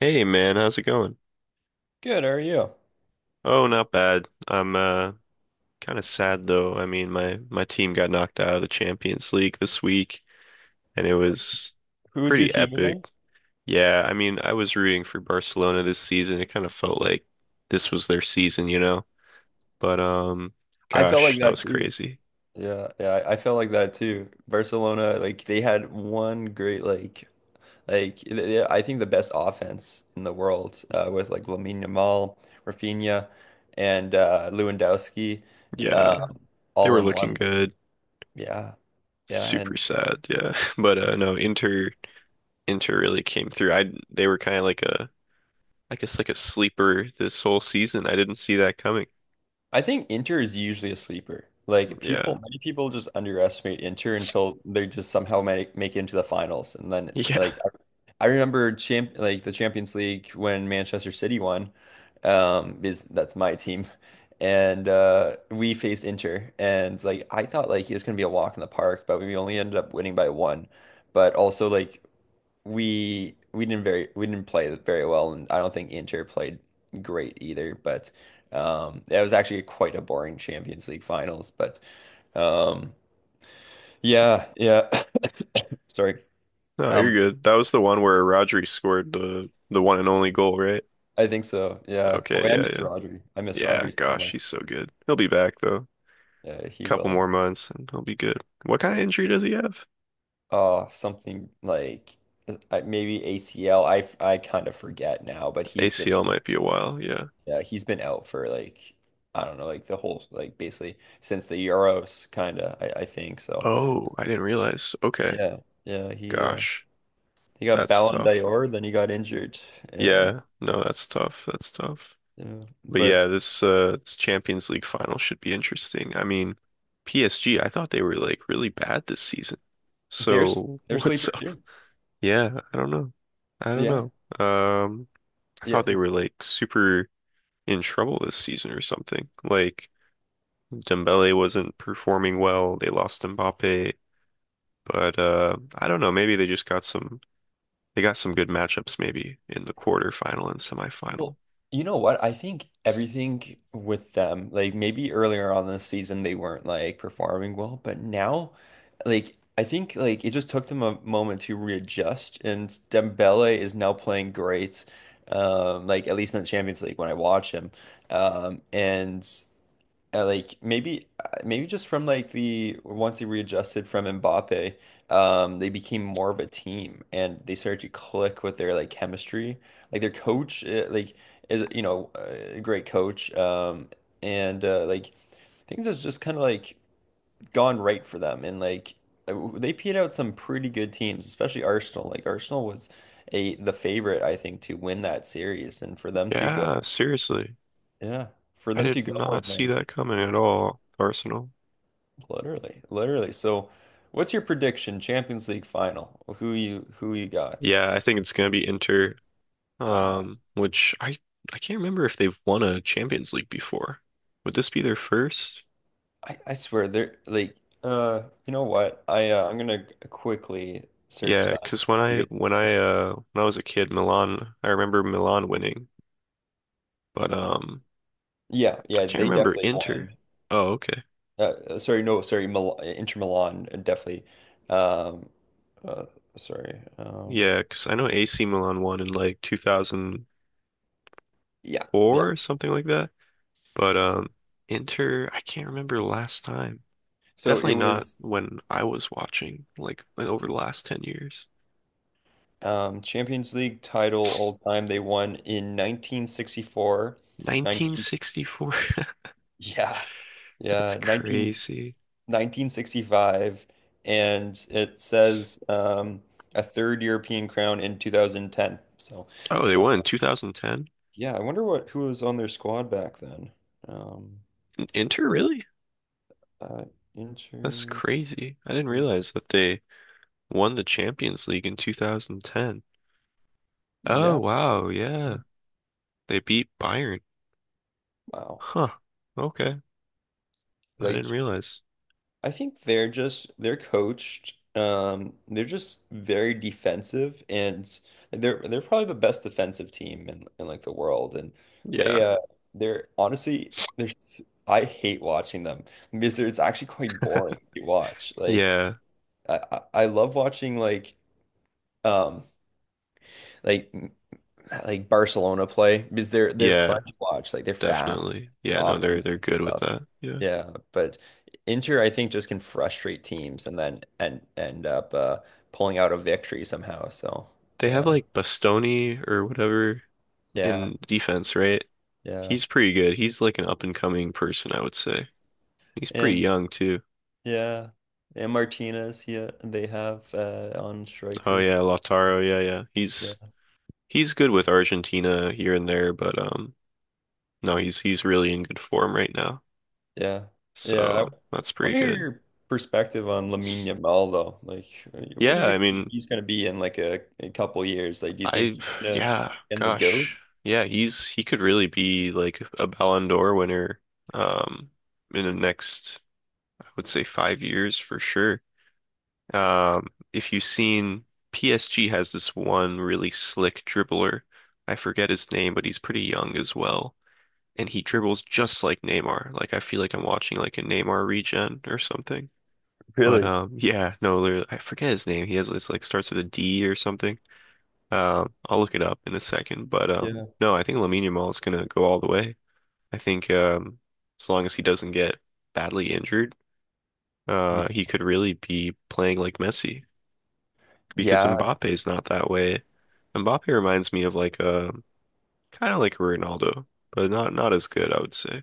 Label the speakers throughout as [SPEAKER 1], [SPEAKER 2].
[SPEAKER 1] Hey man, how's it going?
[SPEAKER 2] Good, how are you?
[SPEAKER 1] Oh, not bad. I'm kind of sad though. I mean, my team got knocked out of the Champions League this week and it was
[SPEAKER 2] Who was your
[SPEAKER 1] pretty
[SPEAKER 2] team
[SPEAKER 1] epic.
[SPEAKER 2] again?
[SPEAKER 1] Yeah, I mean, I was rooting for Barcelona this season. It kind of felt like this was their season, But
[SPEAKER 2] I felt like
[SPEAKER 1] gosh, that
[SPEAKER 2] that
[SPEAKER 1] was
[SPEAKER 2] too.
[SPEAKER 1] crazy.
[SPEAKER 2] Yeah, yeah, I felt like that too. Barcelona, like they had one great like I think the best offense in the world with like Lamine Yamal, Rafinha, and Lewandowski,
[SPEAKER 1] Yeah,
[SPEAKER 2] um,
[SPEAKER 1] they
[SPEAKER 2] all
[SPEAKER 1] were
[SPEAKER 2] in
[SPEAKER 1] looking
[SPEAKER 2] one.
[SPEAKER 1] good.
[SPEAKER 2] Yeah, yeah,
[SPEAKER 1] Super
[SPEAKER 2] and
[SPEAKER 1] sad, yeah. But no, Inter really came through. I They were kind of like a I guess like a sleeper this whole season. I didn't see that coming.
[SPEAKER 2] I think Inter is usually a sleeper. Like
[SPEAKER 1] Yeah.
[SPEAKER 2] people, many people just underestimate Inter until they just somehow make it into the finals, and then
[SPEAKER 1] Yeah.
[SPEAKER 2] like I remember champ like the Champions League when Manchester City won. Is that's my team, and we faced Inter, and like I thought like it was gonna be a walk in the park, but we only ended up winning by one. But also like we didn't play very well, and I don't think Inter played great either. But It was actually quite a boring Champions League finals. But um, yeah, yeah. Sorry.
[SPEAKER 1] No, you're
[SPEAKER 2] Um,
[SPEAKER 1] good. That was the one where Rodri scored the one and only goal, right?
[SPEAKER 2] I think so. Yeah,
[SPEAKER 1] Okay,
[SPEAKER 2] boy, I
[SPEAKER 1] yeah,
[SPEAKER 2] miss
[SPEAKER 1] yeah.
[SPEAKER 2] Rodri. I miss
[SPEAKER 1] Yeah,
[SPEAKER 2] Rodri so
[SPEAKER 1] gosh,
[SPEAKER 2] much.
[SPEAKER 1] he's so good. He'll be back though.
[SPEAKER 2] Yeah, he
[SPEAKER 1] Couple
[SPEAKER 2] will.
[SPEAKER 1] more months and he'll be good. What kind of
[SPEAKER 2] Yeah.
[SPEAKER 1] injury does he have?
[SPEAKER 2] Oh, something like maybe ACL. I kind of forget now, but he's been.
[SPEAKER 1] ACL might be a while, yeah.
[SPEAKER 2] Yeah, he's been out for like I don't know, like the whole like basically since the Euros kinda, I think. So
[SPEAKER 1] Oh, I didn't realize. Okay.
[SPEAKER 2] yeah, yeah, he uh
[SPEAKER 1] Gosh,
[SPEAKER 2] he got
[SPEAKER 1] that's
[SPEAKER 2] Ballon
[SPEAKER 1] tough.
[SPEAKER 2] d'Or, then he got injured and
[SPEAKER 1] Yeah, no, that's tough. That's tough.
[SPEAKER 2] yeah.
[SPEAKER 1] But
[SPEAKER 2] But
[SPEAKER 1] yeah, this this Champions League final should be interesting. I mean, PSG, I thought they were like really bad this season.
[SPEAKER 2] there's
[SPEAKER 1] So
[SPEAKER 2] there's
[SPEAKER 1] what's
[SPEAKER 2] sleeper
[SPEAKER 1] up?
[SPEAKER 2] too.
[SPEAKER 1] Yeah, I don't know. I don't
[SPEAKER 2] Yeah.
[SPEAKER 1] know. Um, I
[SPEAKER 2] Yeah.
[SPEAKER 1] thought they were like super in trouble this season or something. Like Dembele wasn't performing well. They lost Mbappe, but I don't know. Maybe they just got some. They got some good matchups maybe in the quarterfinal and semifinal.
[SPEAKER 2] Well, you know what? I think everything with them, like maybe earlier on this season, they weren't like performing well, but now, like, I think like it just took them a moment to readjust, and Dembele is now playing great. Like at least in the Champions League when I watch him. And like maybe just from like the once they readjusted from Mbappe, they became more of a team and they started to click with their like chemistry. Like their coach, like is a great coach, and like things has just kind of like gone right for them, and like they peed out some pretty good teams, especially Arsenal. Like Arsenal was a the favorite I think to win that series and for them to go,
[SPEAKER 1] Yeah, seriously,
[SPEAKER 2] yeah, for
[SPEAKER 1] I
[SPEAKER 2] them
[SPEAKER 1] did
[SPEAKER 2] to go
[SPEAKER 1] not
[SPEAKER 2] and
[SPEAKER 1] see that
[SPEAKER 2] like.
[SPEAKER 1] coming at all. Arsenal.
[SPEAKER 2] Literally, literally. So, what's your prediction? Champions League final. Who you got?
[SPEAKER 1] Yeah, I think it's gonna be Inter.
[SPEAKER 2] Wow.
[SPEAKER 1] Which I can't remember if they've won a Champions League before. Would this be their first?
[SPEAKER 2] I swear they're like you know what? I'm gonna quickly search
[SPEAKER 1] Yeah,
[SPEAKER 2] that up
[SPEAKER 1] cause when I
[SPEAKER 2] because
[SPEAKER 1] when I uh when I was a kid, Milan, I remember Milan winning, but
[SPEAKER 2] yeah,
[SPEAKER 1] I
[SPEAKER 2] yeah,
[SPEAKER 1] can't
[SPEAKER 2] they
[SPEAKER 1] remember
[SPEAKER 2] definitely
[SPEAKER 1] Inter.
[SPEAKER 2] won.
[SPEAKER 1] Oh, okay.
[SPEAKER 2] Uh, Sorry, no, sorry, Mil Inter Milan definitely. Um, uh, Sorry.
[SPEAKER 1] Yeah, cause I know AC Milan won in like 2004
[SPEAKER 2] Yeah, yeah.
[SPEAKER 1] or something like that. But Inter, I can't remember last time.
[SPEAKER 2] So it
[SPEAKER 1] Definitely not
[SPEAKER 2] was
[SPEAKER 1] when I was watching like over the last 10 years.
[SPEAKER 2] Champions League title all time. They won in 1964.
[SPEAKER 1] 1964.
[SPEAKER 2] Yeah,
[SPEAKER 1] That's
[SPEAKER 2] yeah,
[SPEAKER 1] crazy.
[SPEAKER 2] 1965, and it says a third European crown in 2010. So,
[SPEAKER 1] Oh, they
[SPEAKER 2] uh,
[SPEAKER 1] won in 2010.
[SPEAKER 2] yeah, I wonder what who was on their squad back then. Um,
[SPEAKER 1] Inter, really?
[SPEAKER 2] uh,
[SPEAKER 1] That's
[SPEAKER 2] Inter,
[SPEAKER 1] crazy. I didn't realize that they won the Champions League in 2010. Oh,
[SPEAKER 2] yeah,
[SPEAKER 1] wow.
[SPEAKER 2] yeah,
[SPEAKER 1] Yeah. They beat Bayern.
[SPEAKER 2] wow.
[SPEAKER 1] Huh. Okay. I didn't
[SPEAKER 2] Like
[SPEAKER 1] realize.
[SPEAKER 2] I think they're coached. They're just very defensive, and they're probably the best defensive team in like the world. And
[SPEAKER 1] Yeah.
[SPEAKER 2] they they're honestly they're s- I hate watching them because it's actually quite boring to watch. Like
[SPEAKER 1] Yeah.
[SPEAKER 2] I love watching like um like like Barcelona play because they're
[SPEAKER 1] Yeah.
[SPEAKER 2] fun to watch. Like they're fast
[SPEAKER 1] Definitely. Yeah, no, they're
[SPEAKER 2] offensive
[SPEAKER 1] good with
[SPEAKER 2] stuff.
[SPEAKER 1] that. Yeah.
[SPEAKER 2] Yeah, but Inter, I think, just can frustrate teams and then and end up pulling out a victory somehow. So
[SPEAKER 1] They have
[SPEAKER 2] yeah,
[SPEAKER 1] like Bastoni or whatever
[SPEAKER 2] yeah,
[SPEAKER 1] in defense, right?
[SPEAKER 2] yeah,
[SPEAKER 1] He's pretty good. He's like an up and coming person, I would say. He's pretty
[SPEAKER 2] and
[SPEAKER 1] young too.
[SPEAKER 2] yeah, and Martinez, yeah, they have on
[SPEAKER 1] Oh
[SPEAKER 2] striker.
[SPEAKER 1] yeah, Lautaro. Yeah, yeah.
[SPEAKER 2] Yeah,
[SPEAKER 1] He's good with Argentina here and there, but no, he's really in good form right now.
[SPEAKER 2] yeah, yeah. I
[SPEAKER 1] So that's
[SPEAKER 2] want
[SPEAKER 1] pretty
[SPEAKER 2] to hear
[SPEAKER 1] good.
[SPEAKER 2] your perspective on Lamine Yamal though. Like, where do
[SPEAKER 1] Yeah,
[SPEAKER 2] you
[SPEAKER 1] I
[SPEAKER 2] think
[SPEAKER 1] mean,
[SPEAKER 2] he's going to be in like a couple years? Like, do you think
[SPEAKER 1] I,
[SPEAKER 2] he's gonna
[SPEAKER 1] yeah,
[SPEAKER 2] end the GOAT?
[SPEAKER 1] gosh. Yeah, he's, he could really be like a Ballon d'Or winner, um, in the next, I would say 5 years for sure. If you've seen PSG has this one really slick dribbler. I forget his name, but he's pretty young as well. And he dribbles just like Neymar. Like I feel like I'm watching like a Neymar regen or something. But
[SPEAKER 2] Really?
[SPEAKER 1] yeah, no, literally, I forget his name. He has it's like starts with a D or something. I'll look it up in a second, but
[SPEAKER 2] Yeah.
[SPEAKER 1] no, I think Lamine Yamal is gonna go all the way. I think as long as he doesn't get badly injured,
[SPEAKER 2] Yeah.
[SPEAKER 1] he could really be playing like Messi because
[SPEAKER 2] Yeah.
[SPEAKER 1] Mbappe's not that way. Mbappe reminds me of like a kind of like a Ronaldo, but not as good, I would say.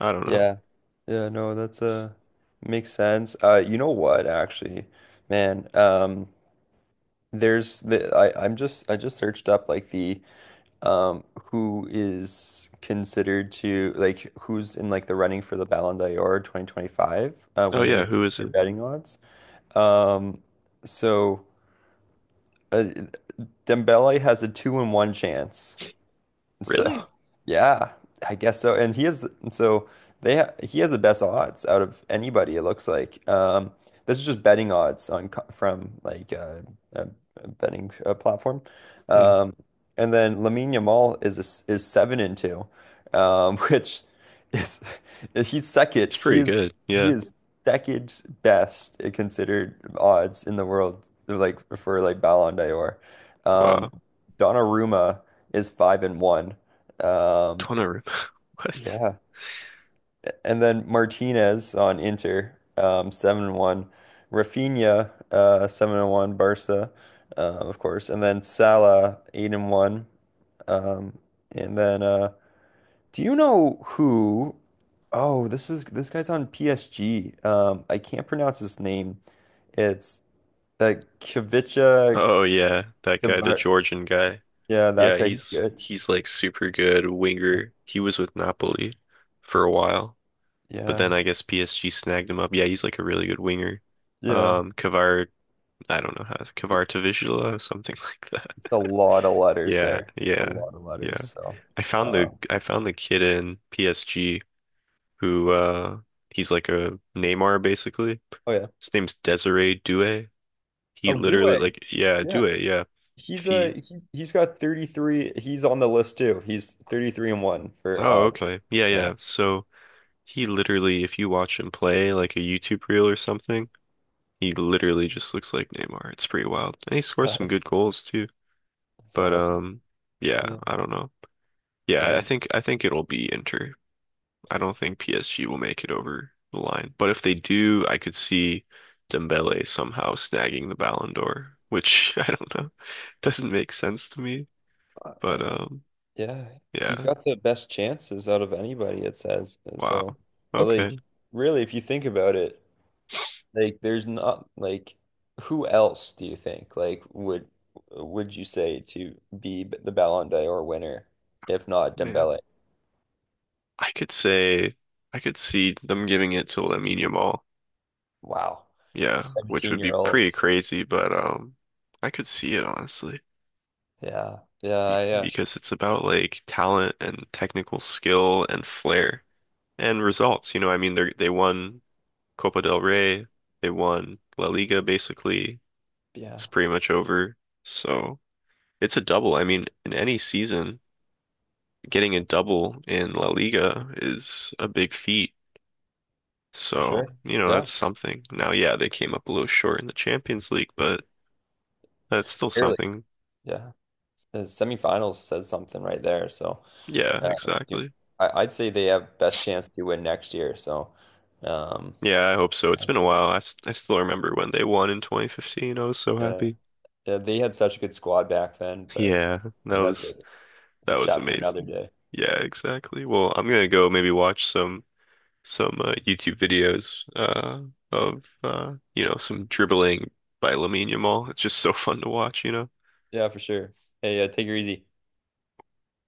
[SPEAKER 1] I don't know.
[SPEAKER 2] Yeah. Yeah, no, that's makes sense. You know what actually, man, there's the I just searched up like the um who is considered to like who's in like the running for the Ballon d'Or 2025
[SPEAKER 1] Oh yeah,
[SPEAKER 2] winner
[SPEAKER 1] who is
[SPEAKER 2] or
[SPEAKER 1] it?
[SPEAKER 2] betting odds. Um so uh, Dembele has a 2 in 1 chance. So,
[SPEAKER 1] Really?
[SPEAKER 2] yeah, I guess so. And he is so they ha he has the best odds out of anybody. It looks like. This is just betting odds on from like a, a betting platform.
[SPEAKER 1] Hmm,
[SPEAKER 2] Um, and then Lamine Yamal is a s is 7-2, which is he's second.
[SPEAKER 1] it's pretty good.
[SPEAKER 2] He
[SPEAKER 1] Yeah.
[SPEAKER 2] is second best considered odds in the world. Like for like Ballon d'Or. Um,
[SPEAKER 1] Wow.
[SPEAKER 2] Donnarumma is 5-1. Um,
[SPEAKER 1] Donnarumma. What?
[SPEAKER 2] yeah, and then Martinez on Inter, 7-1. Rafinha, 7-1. Barca, of course, and then Salah, 8-1. Um, and then, do you know who? Oh, this guy's on PSG. I can't pronounce his name. It's that Kvicha
[SPEAKER 1] Oh yeah, that guy, the
[SPEAKER 2] Kvar.
[SPEAKER 1] Georgian guy.
[SPEAKER 2] Yeah, that
[SPEAKER 1] Yeah,
[SPEAKER 2] guy. He's
[SPEAKER 1] he's
[SPEAKER 2] good.
[SPEAKER 1] he's like super good winger. He was with Napoli for a while, but then
[SPEAKER 2] Yeah,
[SPEAKER 1] I guess PSG snagged him up. Yeah, he's like a really good winger.
[SPEAKER 2] yeah.
[SPEAKER 1] Kvar, I don't know how Kvaratavishvili or something like that.
[SPEAKER 2] It's a lot of letters
[SPEAKER 1] Yeah,
[SPEAKER 2] there. A
[SPEAKER 1] yeah,
[SPEAKER 2] lot of letters.
[SPEAKER 1] yeah.
[SPEAKER 2] So, uh,
[SPEAKER 1] I found the kid in PSG who he's like a Neymar basically.
[SPEAKER 2] oh yeah.
[SPEAKER 1] His name's Desiree Doué. He
[SPEAKER 2] Oh,
[SPEAKER 1] literally
[SPEAKER 2] Doué.
[SPEAKER 1] like yeah,
[SPEAKER 2] Yeah.
[SPEAKER 1] Doué, yeah. If
[SPEAKER 2] He's uh
[SPEAKER 1] he
[SPEAKER 2] he's he's got 33. He's on the list too. He's 33-1 for
[SPEAKER 1] Oh,
[SPEAKER 2] odds.
[SPEAKER 1] okay.
[SPEAKER 2] Yeah.
[SPEAKER 1] He literally, if you watch him play like a YouTube reel or something, he literally just looks like Neymar. It's pretty wild. And he scores some
[SPEAKER 2] That's
[SPEAKER 1] good goals too. But
[SPEAKER 2] awesome.
[SPEAKER 1] yeah,
[SPEAKER 2] Yeah.
[SPEAKER 1] I don't know. Yeah,
[SPEAKER 2] Yeah.
[SPEAKER 1] I think it'll be Inter. I don't think PSG will make it over the line. But if they do, I could see Dembele somehow snagging the Ballon d'Or, which I don't know. Doesn't make sense to me.
[SPEAKER 2] I,
[SPEAKER 1] But
[SPEAKER 2] I, yeah. He's
[SPEAKER 1] yeah.
[SPEAKER 2] got the best chances out of anybody, it says. So,
[SPEAKER 1] Wow.
[SPEAKER 2] but like
[SPEAKER 1] Okay,
[SPEAKER 2] really, if you think about it, like, there's not like who else do you think like would you say to be the Ballon d'Or winner if not
[SPEAKER 1] man.
[SPEAKER 2] Dembele?
[SPEAKER 1] I could say I could see them giving it to Lamine Yamal.
[SPEAKER 2] Wow,
[SPEAKER 1] Yeah, which
[SPEAKER 2] 17
[SPEAKER 1] would be
[SPEAKER 2] year
[SPEAKER 1] pretty
[SPEAKER 2] olds.
[SPEAKER 1] crazy, but I could see it honestly
[SPEAKER 2] Yeah,
[SPEAKER 1] be
[SPEAKER 2] yeah, yeah,
[SPEAKER 1] because it's about like talent and technical skill and flair and results. You know, I mean they won Copa del Rey, they won La Liga basically.
[SPEAKER 2] yeah,
[SPEAKER 1] It's pretty much over. So, it's a double. I mean, in any season, getting a double in La Liga is a big feat.
[SPEAKER 2] for
[SPEAKER 1] So,
[SPEAKER 2] sure.
[SPEAKER 1] you know,
[SPEAKER 2] Yeah,
[SPEAKER 1] that's something. Now, yeah, they came up a little short in the Champions League, but that's still
[SPEAKER 2] clearly.
[SPEAKER 1] something.
[SPEAKER 2] Yeah, the semifinals says something right there. So,
[SPEAKER 1] Yeah,
[SPEAKER 2] uh, you-
[SPEAKER 1] exactly.
[SPEAKER 2] I'd say they have best chance to win next year. So, um,
[SPEAKER 1] Yeah, I hope so. It's
[SPEAKER 2] yeah,
[SPEAKER 1] been a while. I still remember when they won in 2015. I was so
[SPEAKER 2] yeah,
[SPEAKER 1] happy.
[SPEAKER 2] yeah, they had such a good squad back then, but it's,
[SPEAKER 1] Yeah,
[SPEAKER 2] I
[SPEAKER 1] that
[SPEAKER 2] mean that's a
[SPEAKER 1] was
[SPEAKER 2] it's
[SPEAKER 1] that
[SPEAKER 2] a
[SPEAKER 1] was
[SPEAKER 2] chat for another
[SPEAKER 1] amazing.
[SPEAKER 2] day.
[SPEAKER 1] Yeah, exactly. Well, I'm gonna go maybe watch some YouTube videos of you know some dribbling by Lamine Yamal. It's just so fun to watch, you know.
[SPEAKER 2] Yeah, for sure. Hey, take her easy.